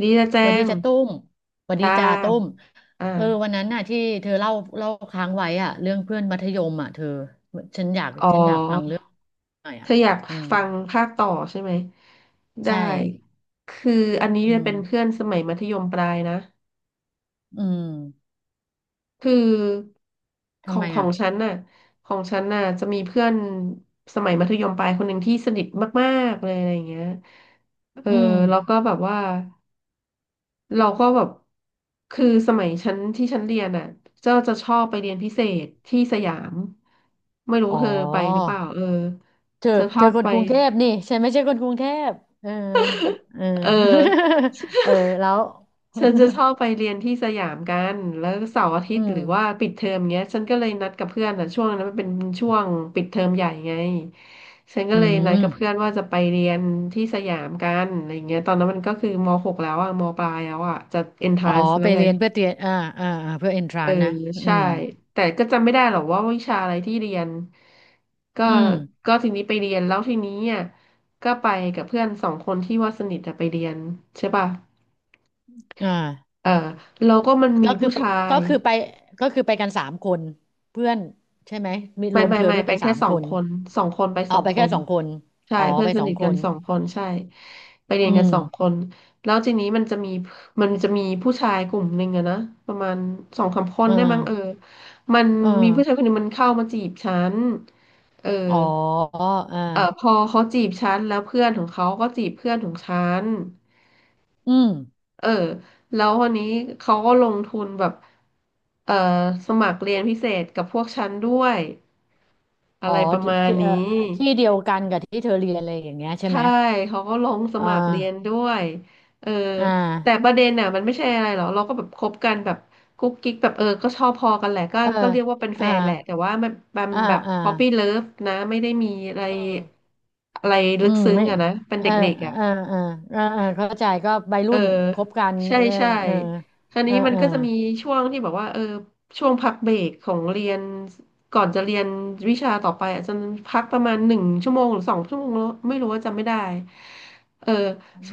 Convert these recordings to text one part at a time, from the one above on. ดีนะแจหวัดดีงจ้าตุ้มหวัดดีจ้าจ้าตุ้มอ่าเออวันนั้นน่ะที่เธอเล่าเล่าค้างไว้อะเรื่องเพื่อนมัธยมอ่ะเธออ๋อ ฉันอยากฟังเรื่องหน่อยเธอ่ะออยากอืมฟังภาคต่อใช่ไหมได้ ใช่คืออันนี้อืมเเป็นเพื่อนสมัยมัธยมปลายนะ อืมคือขทำองไมขออ่ะงฉันน่ะของฉันน่ะจะมีเพื่อนสมัยมัธยมปลายคนหนึ่งที่สนิทมากๆเลยอะไรอย่างเงี้ยเอออืมแล้วก็แบบว่า เราก็แบบคือสมัยชั้นที่ฉันเรียนอ่ะก็จะชอบไปเรียนพิเศษที่สยามไม่รู้อ๋อเธอไปหรือเปล่าเออเธอจะชเธออบคนไปกรุงเทพนี่ฉันไม่ใช่คนกรุงเทพเออเออ เออ เออแล้วฉันจะชอบไปเรียนที่สยามกันแล้วเสาร์อาทิอืตย์หมรือว่าปิดเทอมเงี้ยฉันก็เลยนัดกับเพื่อนอ่ะช่วงนั้นมันเป็นช่วงปิดเทอมใหญ่ไงฉันก็อืเลยนัดมกับเพื่อนว่าจะไปเรียนที่สยามกันอะไรเงี้ยตอนนั้นมันก็คือมหกแล้วอ่ะมปลายแล้วอ่ะจะเอนทอ๋อรานซ์แล้ไปวไง เรียนเพื่อเตรียมอ่าอ่าเพื่อเอนทราเออนนะอืใช่มแต่ก็จำไม่ได้หรอกว่าวิชาอะไรที่เรียนก็อืมก็ทีนี้ไปเรียนแล้วทีนี้อ่ะก็ไปกับเพื่อนสองคนที่ว่าสนิทอะไปเรียนใช่ป่ะอ่า เออเราก็มันมีก็คือผู้ชาก็ย คือไปก็คือไปกันสามคนเพื่อนใช่ไหมมีรไม่วมไม่เธอไม่ด้วยเป็เป็นนสาแค่มสอคงนคนสองคนไปสเอาองไปคแค่นสองคนใช่อ๋อเพื่อไปนสสอนิงทคกันนสองคนใช่ไปเรียอืนกันมสองคนแล้วทีนี้มันจะมีผู้ชายกลุ่มหนึ่งอะนะประมาณสองสามคนเออได้มั้งเออมันเออมีผู้ชายคนหนึ่งมันเข้ามาจีบฉันเอออ๋อเออเออพอเขาจีบฉันแล้วเพื่อนของเขาก็จีบเพื่อนของฉันอืมเออแล้ววันนี้เขาก็ลงทุนแบบเออสมัครเรียนพิเศษกับพวกฉันด้วย อะอ๋อไรประที่มาณที่นี้ที่เดียวกันกับที่เธอเรียนอะไรอย่างเงี้ยใช่ไหใช่มเขาก็ลงสอ่มัครเรียนาด้วยเอออ่าแต่ประเด็นน่ะมันไม่ใช่อะไรหรอกเราก็แบบคบกันแบบกุ๊กกิ๊กแบบเออก็ชอบพอกันแหละก็เออก็เรียกว่าเป็นแฟอ่านแหละแต่ว่ามันมันอ่าแบบอ่าป๊อปปี้เลิฟนะไม่ได้มีอะไรอืมอะไรอืลึกมซึ้งไม่อะนะเป็นเอเดอ็กๆอะ เออเออเออเออเข้าใจก็วัยเออรุ่นคบกันใช่เออใช่เออคราวเอนี้อมันเอก็จะมีช่วงที่แบบว่าเออช่วงพักเบรกของเรียนก่อนจะเรียนวิชาต่อไปอาจจะพักประมาณ1 ชั่วโมงหรือ2 ชั่วโมงแล้วไม่รู้ว่าจำไม่ได้เออ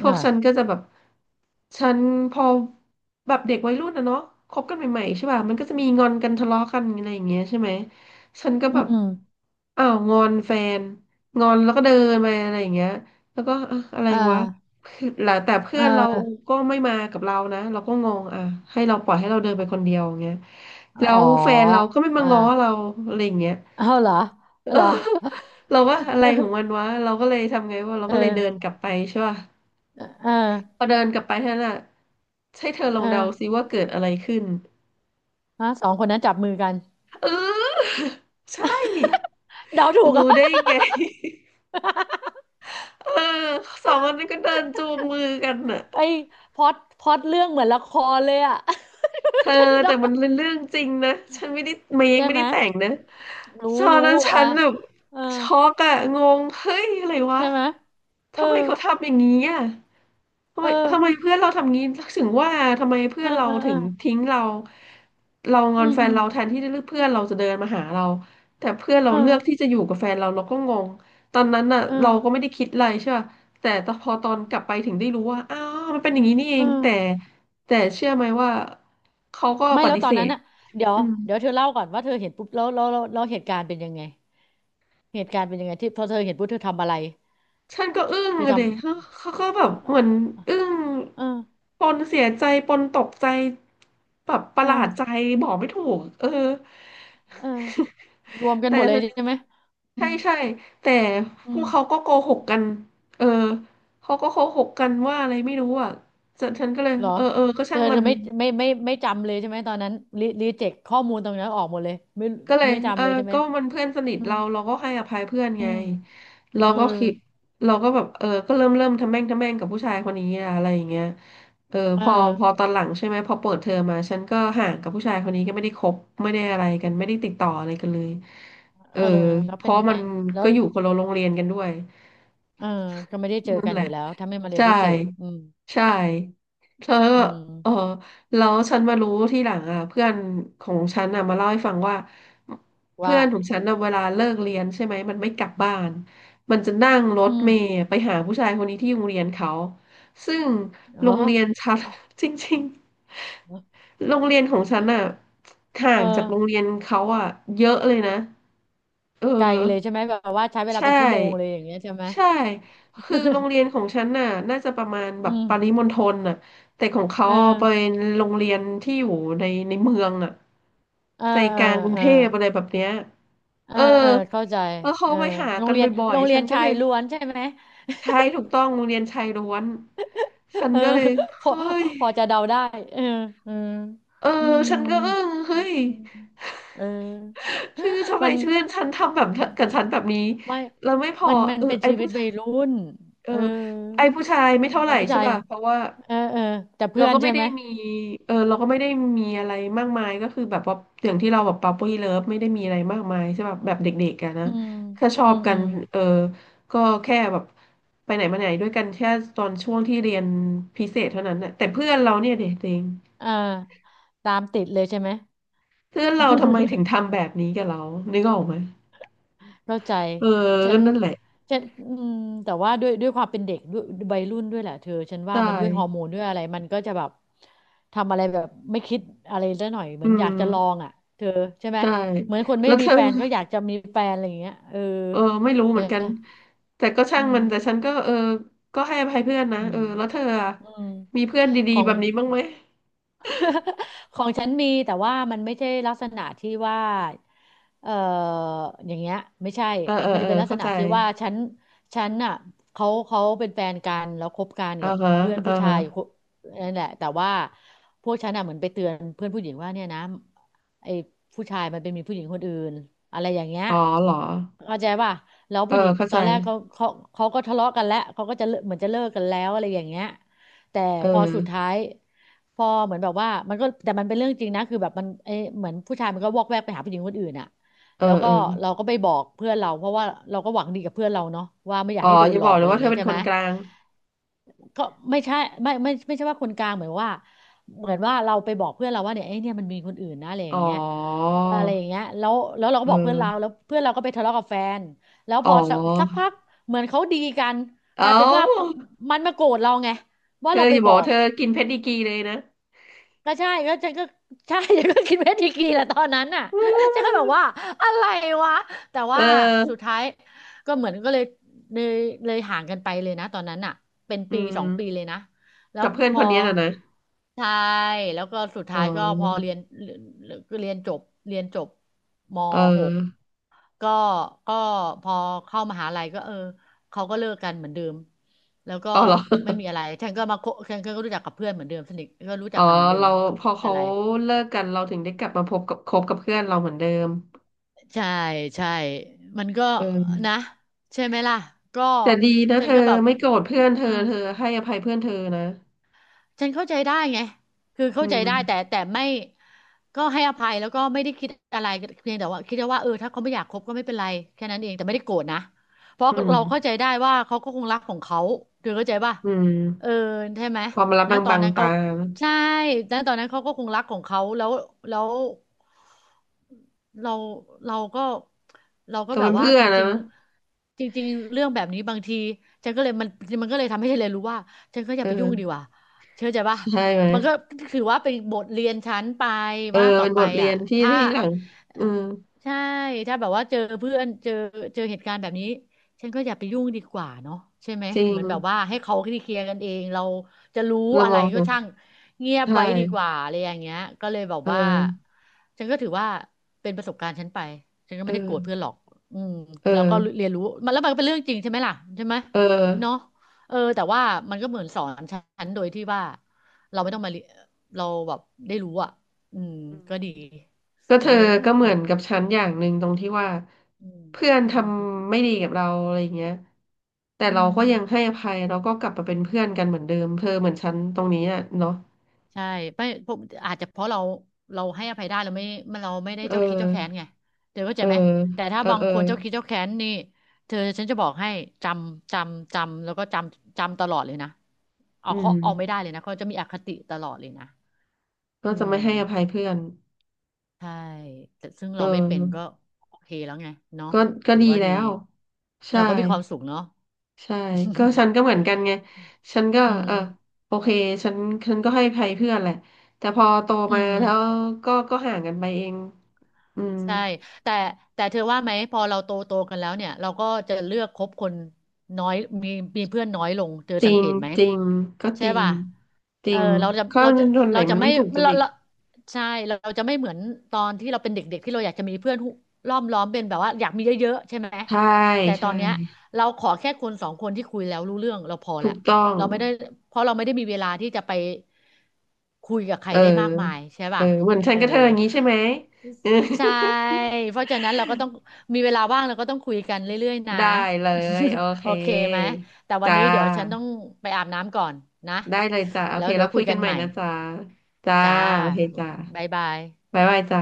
พวกฉันก็จะแบบฉันพอแบบเด็กวัยรุ่นนะเนาะคบกันใหม่ๆใช่ป่ะมันก็จะมีงอนกันทะเลาะกันอะไรอย่างเงี้ยใช่ไหมฉันก็อืแบบม อ้าวงอนแฟนงอนแล้วก็เดินไปอะไรอย่างเงี้ยแล้วก็เอ้ออะไรอ่าวะ แล้วแต่เพื่อ่อนเราาก็ไม่มากับเรานะเราก็งงอ่ะให้เราปล่อยให้เราเดินไปคนเดียวอย่างเงี้ยแล้วอ๋อแฟนเราก็ไม่มาอ่าง้อเราอะไรอย่างเงี้ย เอาเหรอ เอเหอรอ เราว่าอะไรของมัน วะเราก็เลยทำไงวะาเราเอก็เลยเดินกอลับไปใช่ป่ะเออพอเดินกลับไปเท่านั้นอ่ะให้เธอลอเองเดาซิอว่าเกิดอะไรขึ้นฮะสองคนนั้นจับมือกันเออ ใช่เดาถูกเหรอ่ะ รู้ได้ไง เออสองคนนั้นก็เดินจูงมือกันน่ะ ไอ้พล็อตเรื่องเหมือนละครเลยอ่ะ เธอ เดาแต่มันเป็นเรื่องจริงนะ ฉันไม่ได้เมคใช่ไม่ไหม ได้แต่งนะ ตรู้อนรู้นั้นฉัอ่ะนแบบเออช็อกอะงงเฮ้ยอะไรวะ ใช่ไหมเออทำไมเขาทำอย่างนี้อะทำเอไมอทำไมเพื่อนเราทำงี้ถึงว่าทำไมเพื่เอออนเราเออเอถึองทิ้งเราเรางอือนมแฟอืนมเราแทนที่เพื่อนเราจะเดินมาหาเรา แต่เพื่อนเราเอเลือกที่อจะอยู่กับแฟนเราเราก็งง ตอนนั้นน่ะเออเราก็ไม่ได้คิดอะไรใช่ป่ะแต่พอตอนกลับไปถึงได้รู้ว่าอ้าวมันเป็นอย่างนี้นี่เอเองแต่อแต่เชื่อไหมว่า เขาก็ไม่ปแล้วฏิตอเสนนั้ธนอ่ะเดี๋ยวอืมเดี๋ยวเธอเล่าก่อนว่าเธอเห็นปุ๊บแล้วเหตุการณ์เป็นยังไง เหตุการณ์เป็นยังไงที่พอเธอเห็นปุ๊บเธอทำอะไรฉันก็อึ้งเธอทเลยเขาเขาก็แบบเหมือนอึ้งำเออปนเสียใจปนตกใจแบบปเอระอหลาดใจ บอกไม่ถูก เออ เออรวมกั นแต่หมดเลยใช่ไหมอืใช่มใช่แต่อืพวกเขามก็โกหกกัน เออ เขาก็โกหกกันว่าอะไรไม่รู้อ่ะฉันก็เลย เหรอเออเออก็เธช่าองมัจะน ไม่ไม่จำเลยใช่ไหมตอนนั้นรีเจ็คข้อมูลตรงนั้นออกหมดเลยไม่ก็เลยไม่เอจำอเลยใช่ไหมก็มันเพื่อนสนิทอืมเราเราก็ให้อภัยเพื่อนอืไงมเอเราอก็คิดเราก็แบบเออก็เริ่มทำแม่งทำแม่งกับผู้ชายคนนี้อะอะไรอย่างเงี้ยเออเพอออตอนหลังใช่ไหมพอเปิดเทอมมาฉันก็ห่างกับผู้ชายคนนี้ก็ไม่ได้คบไม่ได้อะไรกันไม่ได้ติดต่ออะไรกันเลยเอเอออแล้วเพเป็นราะไงมันแล้ก็วอยู่คนละโรงเรียนกันด้วยเออก็ไม่ได้เจอนั่นกันแหอละ ยู่แล้วถ้าไม่มาเรียนใช่พิเศษอืมใช่แล้วอืเออมแล้วฉันมารู้ที่หลังอ่ะเพื่อนของฉันอ่ะมาเล่าให้ฟังว่าเพื่ว่าอนของฉันอ่ะเวลาเลิกเรียนใช่ไหมมันไม่กลับบ้านมันจะนั่งรอืถมเมล์ไปหาผู้ชายคนนี้ที่โรงเรียนเขาซึ่งเหรโรองเรียนฉัน จริงๆโรงเรียนของฉันอ่ะห่าเอองจากโรงเรียนเขาอ่ะเยอะเลยนะเออ ไกลเลยใช่ไหมแบบว่าใช้เวลาใช่เป็นชั่วโมงเลยอย่างเงี้ยใช่ไหม ใช่คือโรงเรี ยนของฉันน่ะน่าจะประมาณแบอืบมปริมณฑลน่ะแต่ของเขาเออไเป็นโรงเรียนที่อยู่ในเมืองน่ะเออใจเอกอลางกรุงเออเทพอะไรแบบเนี้ยเออเออเออเข้าใจแล้วเขาเออไปหาโรงกันเรียนบ่อยโรงๆเรีฉัยนนก็ชาเลยยล้วนใช่ไหม ใช่ถูกต้องโรงเรียนชายล้วนฉั นเออก็เลยพอเฮ้ย พอจะเดาได้เออเออเอออืมฉันก็อึ้งเฮ้ย เออ ชื่อทำ ไมมันชื่อนฉันทำแบบกับฉันแบบนี้ไม่แล้วไม่พอมันเออเป็นชีวิตวัยรุ่นเออเออไอ้ผู้ชายไม่เท่าไหแล้ร่วผู้ใช่ชายป่ะเพราะว่าเออเออแต่เราเพื่อนก็ไม่ใช่ได้ไหมมีเราก็ไม่ได้มีอะไรมากมายก็คือแบบว่าอย่างที่เราแบบป๊อปปี้เลิฟไม่ได้มีอะไรมากมายใช่ป่ะแบบเด็กๆกันนะอืมแค่ชออืบมกัอืนมเออก็แค่แบบไปไหนมาไหนด้วยกันแค่ตอนช่วงที่เรียนพิเศษเท่านั้นนะแต่เพื่อนเราเนี่ยเด็กเอง อ่าตามติดเลยใช่ไหม เพื่อนเราทำไมถึง ทำแบบนี้กับเรานึกออกไหมเข้าใจเออฉัก็นนั่นแหละฉันอืมแต่ว่าด้วยความเป็นเด็กด้วยวัยรุ่นด้วยแหละเธอ ฉันใชว่ามันด้วยฮอร์่โมนด้วยอะไรมันก็จะแบบทำอะไรแบบไม่คิดอะไรซะหน่อยเหอืมือนอยากจะลอมงอ่ะ เธอใช่ไหม ใช่เหมือนคนไม่แล้วมีเธอแฟนก็อยากจะมีแฟนอะไรอย่างเงี้ยเออเออไม่รู้เหใช่มือนกัไหมนแต่ก็ช่าอืงมมันแต่ฉันก็เออก็ให้อภัยเพื่อนนะอืเอมอแล้วเธออะอืมมีเพื่อนดีขอๆง แบบนี้บ้างไหม ของฉันมีแต่ว่ามันไม่ใช่ลักษณะที่ว่าเอ่ออย่างเงี้ยไม่ใช่เออเออมันเอจะอเป็นลักษเข้าณะใจที่ว่าฉันน่ะเขาเป็นแฟนกันแล้วคบกันอ่ากับฮะเพื่อนอ่าผู้ชาฮะยอยู่คนนั่นแหละแต่ว่าพวกฉันน่ะเหมือนไปเตือนเพื่อนผู้หญิงว่าเนี่ยนะไอ้ผู้ชายมันเป็นมีผู้หญิงคนอื่นอะไรอย่างเงี้ยอ๋อเหรอเข้าใจป่ะแล้วเออผู้หญิงเข้าตใจอนแรกเขาเขาก็ทะเลาะกันแล้วเขาก็จะเลิกเหมือนจะเลิกกันแล้วอะไรอย่างเงี้ย แต่เอพอสุดท้าอยพอเหมือนแบบว่ามันก็แต่มันเป็นเรื่องจริงนะคือแบบมันเอ้ยเหมือนผู้ชายมันก็วอกแวกไปหาผู้หญิงคนอื่นอ่ะเออแล้วเอก็อเราก็ไปบอกเพื่อนเราเพราะว่าเราก็หวังดีกับเพื่อนเราเนาะว่าไม่อยาอ๋กอให้โดอนย่าหลบออกกเลอะยไรอว่าย่างเธอเงี้ยเป็นใช่คไหนมกลางก็ไม่ใช่ไม่ใช่ว่าคนกลางเหมือนว่าเหมือนว่าเราไปบอกเพื่อนเราว่าเนี่ยไอ้ยเนี่ยมันมีคนอื่นนะอะไรออ๋อย่างเงี้ยอะไรอย่างเงี้ยแล้วเราเก็บอกเพื่อนเราออแล้วเพื่อนเราก็ไปทะเลาะกับแฟนแล้วอ๋พออสักพักเหมือนเขาดีกันกเอ้า ลายเป็นว่าเขามันมาโกรธเราไงเธว่าเราออไปย่าบบอกอว่าก เธอกินเพชรดีกรีเลยนะก็ใช่ก็ฉันก็ใช่ฉันก็คิดเวทีกรีแหละตอนนั้นน่ะ ฉันก็แบบว่าอะไรวะแต่เอว่าสุดอท้ายก็เหมือนก็เลยเลยเลยห่างกันไปเลยนะตอนนั้นน่ะเป็นอืปีสองปีมเลยนะแล้วกับเพื่อพนคอนนี้น่ะนะใช่แล้วก็สุดอ๋ท้ายก็พออเรียนเรียนจบเรียนจบม เออ .6 กก็ก็พอเข้ามหาลัยก็เออ เขาก็เลิกกันเหมือนเดิมแล้วก็อ๋อเหรอไม่มีอะไรฉันก็มาคบฉันก็รู้จักกับเพื่อนเหมือนเดิมสนิทก็รู้จัอ๋อกกันเหมือนเดิมเราก็พอไม่มีเขาอะไร เลิกกันเราถึงได้กลับมาพบกับคบกับเพื่อนเราเหมือนเดิมใช่ใช่มันก็เอนะอใช่ไหมล่ะ ก็ แต่ดีนะฉัเธนอก็แบบไม่โกรธเพื่อนเธเอออ เธอให้อภัยเพื่อนเธอนะฉันเข้าใจได้ไงคืออืเข้าใจมได้แต่ไม่ก็ให้อภัยแล้วก็ไม่ได้คิดอะไรเพียงแต่ว่าคิดว่าเออถ้าเขาไม่อยากคบก็ไม่เป็นไรแค่นั้นเองแต่ไม่ได้โกรธนะเพราะอืมเราเข้าใจได้ว่าเขาก็คงรักของเขาเธอเข้าใจป่ะอืมเออใช่ไหมความลับนะบางตอนบางนั้นตาเขานะใช่นะตอนนั้นเขาก็คงรักของเขาแล้วแล้ว เราเราก็เราเธก็อแบเป็บนว่าเพื่อจนนะริงๆจริงๆเรื่องแบบนี้บางทีฉันก็เลยมันมันก็เลยทำให้ฉันเลยนรู้ว่าฉันก็อย่าไปยุ่งดีเออกว่าเชื่อใจปะใช่ไหมมันก็ถือว่าเป็นบทเรียนฉันไปเออว่าต่อเป็นไปบทเรียอ่ะนที่ถ้าที่หลังอืมใช่ถ้าแบบว่าเจอเพื่อนเจอเหตุการณ์แบบนี้ ฉันก็อย่าไปยุ่งดีกว่าเนาะใช่ไหมจริเหงมือนแบบว่าให้เขาเคลียร์กันเองเราจะรู้เราอะมไรองก็ช่างเงียบใชไว้ดีก่ ว่าอะไรอย่างเงี้ยก็เลยแบบเอว่าอ ฉันก็ถือว่าเป็นประสบการณ์ฉันไปฉันก็เไม่ได้โกรธเพื่ออ อนหรอกอืมเออ แล้วก็เรียนรู้มันแล้วมันก็เป็นเรื่องจริงใช่ไหมล่ะใช่ไหมเออเนาะเออแต่ว่ามันก็เหมือนสอนฉันโดยที่ว่าเราไม่ต้องมาเรียเราแบบได้รู้อ่ะอืมอืมก็ดีก็ฉัเธนอก็เลยเออก็เหมือเนี่ยนแหละกับฉันอย่างหนึ่งตรงที่ว่าอืมเพื่อนอืทมำไม่ดีกับเราอะไรเงี้ยแต่อืเราก็ยังให้ม อภัยเราก็กลับมาเป็นเพื่อนกันเหมือนเดิมเธอเหมือนฉันตรงนี้อ่ะเนาะใช่ไม่ผมอาจจะเพราะเราเราให้อภัยได้เราไม่เราไม่ได้เอเจ้าคิดเจ้าแค้นอไงเธอเข้าเอใจอไหมแต่ถ้าเออบางเออคนเจ้าคิดเจ้าแค้นนี่เธอฉันจะบอกให้จำแล้วก็จำตลอดเลยนะเอาอืเขามเอาไม่ได้เลยนะเขาจะมีอคติตลอดเลยนะก็อืจะไม่ให้อภัยมเพื่อนใช่แต่ซึ่งเอเราไม่เป็นก็อโอเคแล้วไงเนาะก็ก็ถือดีว่าแล้ดีวใช่ เราก็มีความสุขเนาะ ใช่ก็ฉันก็เหมือ นกันไงฉันก็อืเออมโอเคฉันฉันก็ให้อภัยเพื่อนแหละแต่พอโตอืมาม แล้วก็ก็ห่างกันไปเองอืมใช่แต่แต่เธอว่าไหมพอเราโตโตกันแล้วเนี่ยเราก็จะเลือกคบคนน้อยมีมีเพื่อนน้อยลงเธอจสัริงงเกตไหม จริงก็จใช่ริงป่ะจเอริองข้อคนไหนเราจะมันไม่ไม่ถูกจเราริตเราเราจะไม่เหมือนตอนที่เราเป็นเด็กๆ ที่เราอยากจะมีเพื่อนหุล้อมเป็นแบบว่าอยากมีเยอะๆใช่ไหม ใช่แต่ตอใช่นเนี้ยเราขอแค่คนสองคนที่คุยแล้วรู้เรื่องเราพอถูละกต้องเราไม่ได้เพราะเราไม่ได้มีเวลาที่จะไปคุยกับใครเออได้มากมายใช่เออป่ะเหมือนฉัเอนอกับเธออย่างนี้ใช่ไหมเออ ใช่ เพราะฉะนั้นเราก็ต้องมีเวลาว่างเราก็ต้องคุยกันเรื่อยๆนะ ได้เลยโอ เคโอเคไหม แต่วันจ้านี้เดี๋ยวฉันต้องไปอาบน้ำก่อนนะได้เลยจ้าโอแล้เควเดี๋แล้ยววคุคุยยกักันนใหม่ใหม่นะจ้าจ้าจ้าโอเคจ้า บ๊ายบายบ๊ายบายจ้า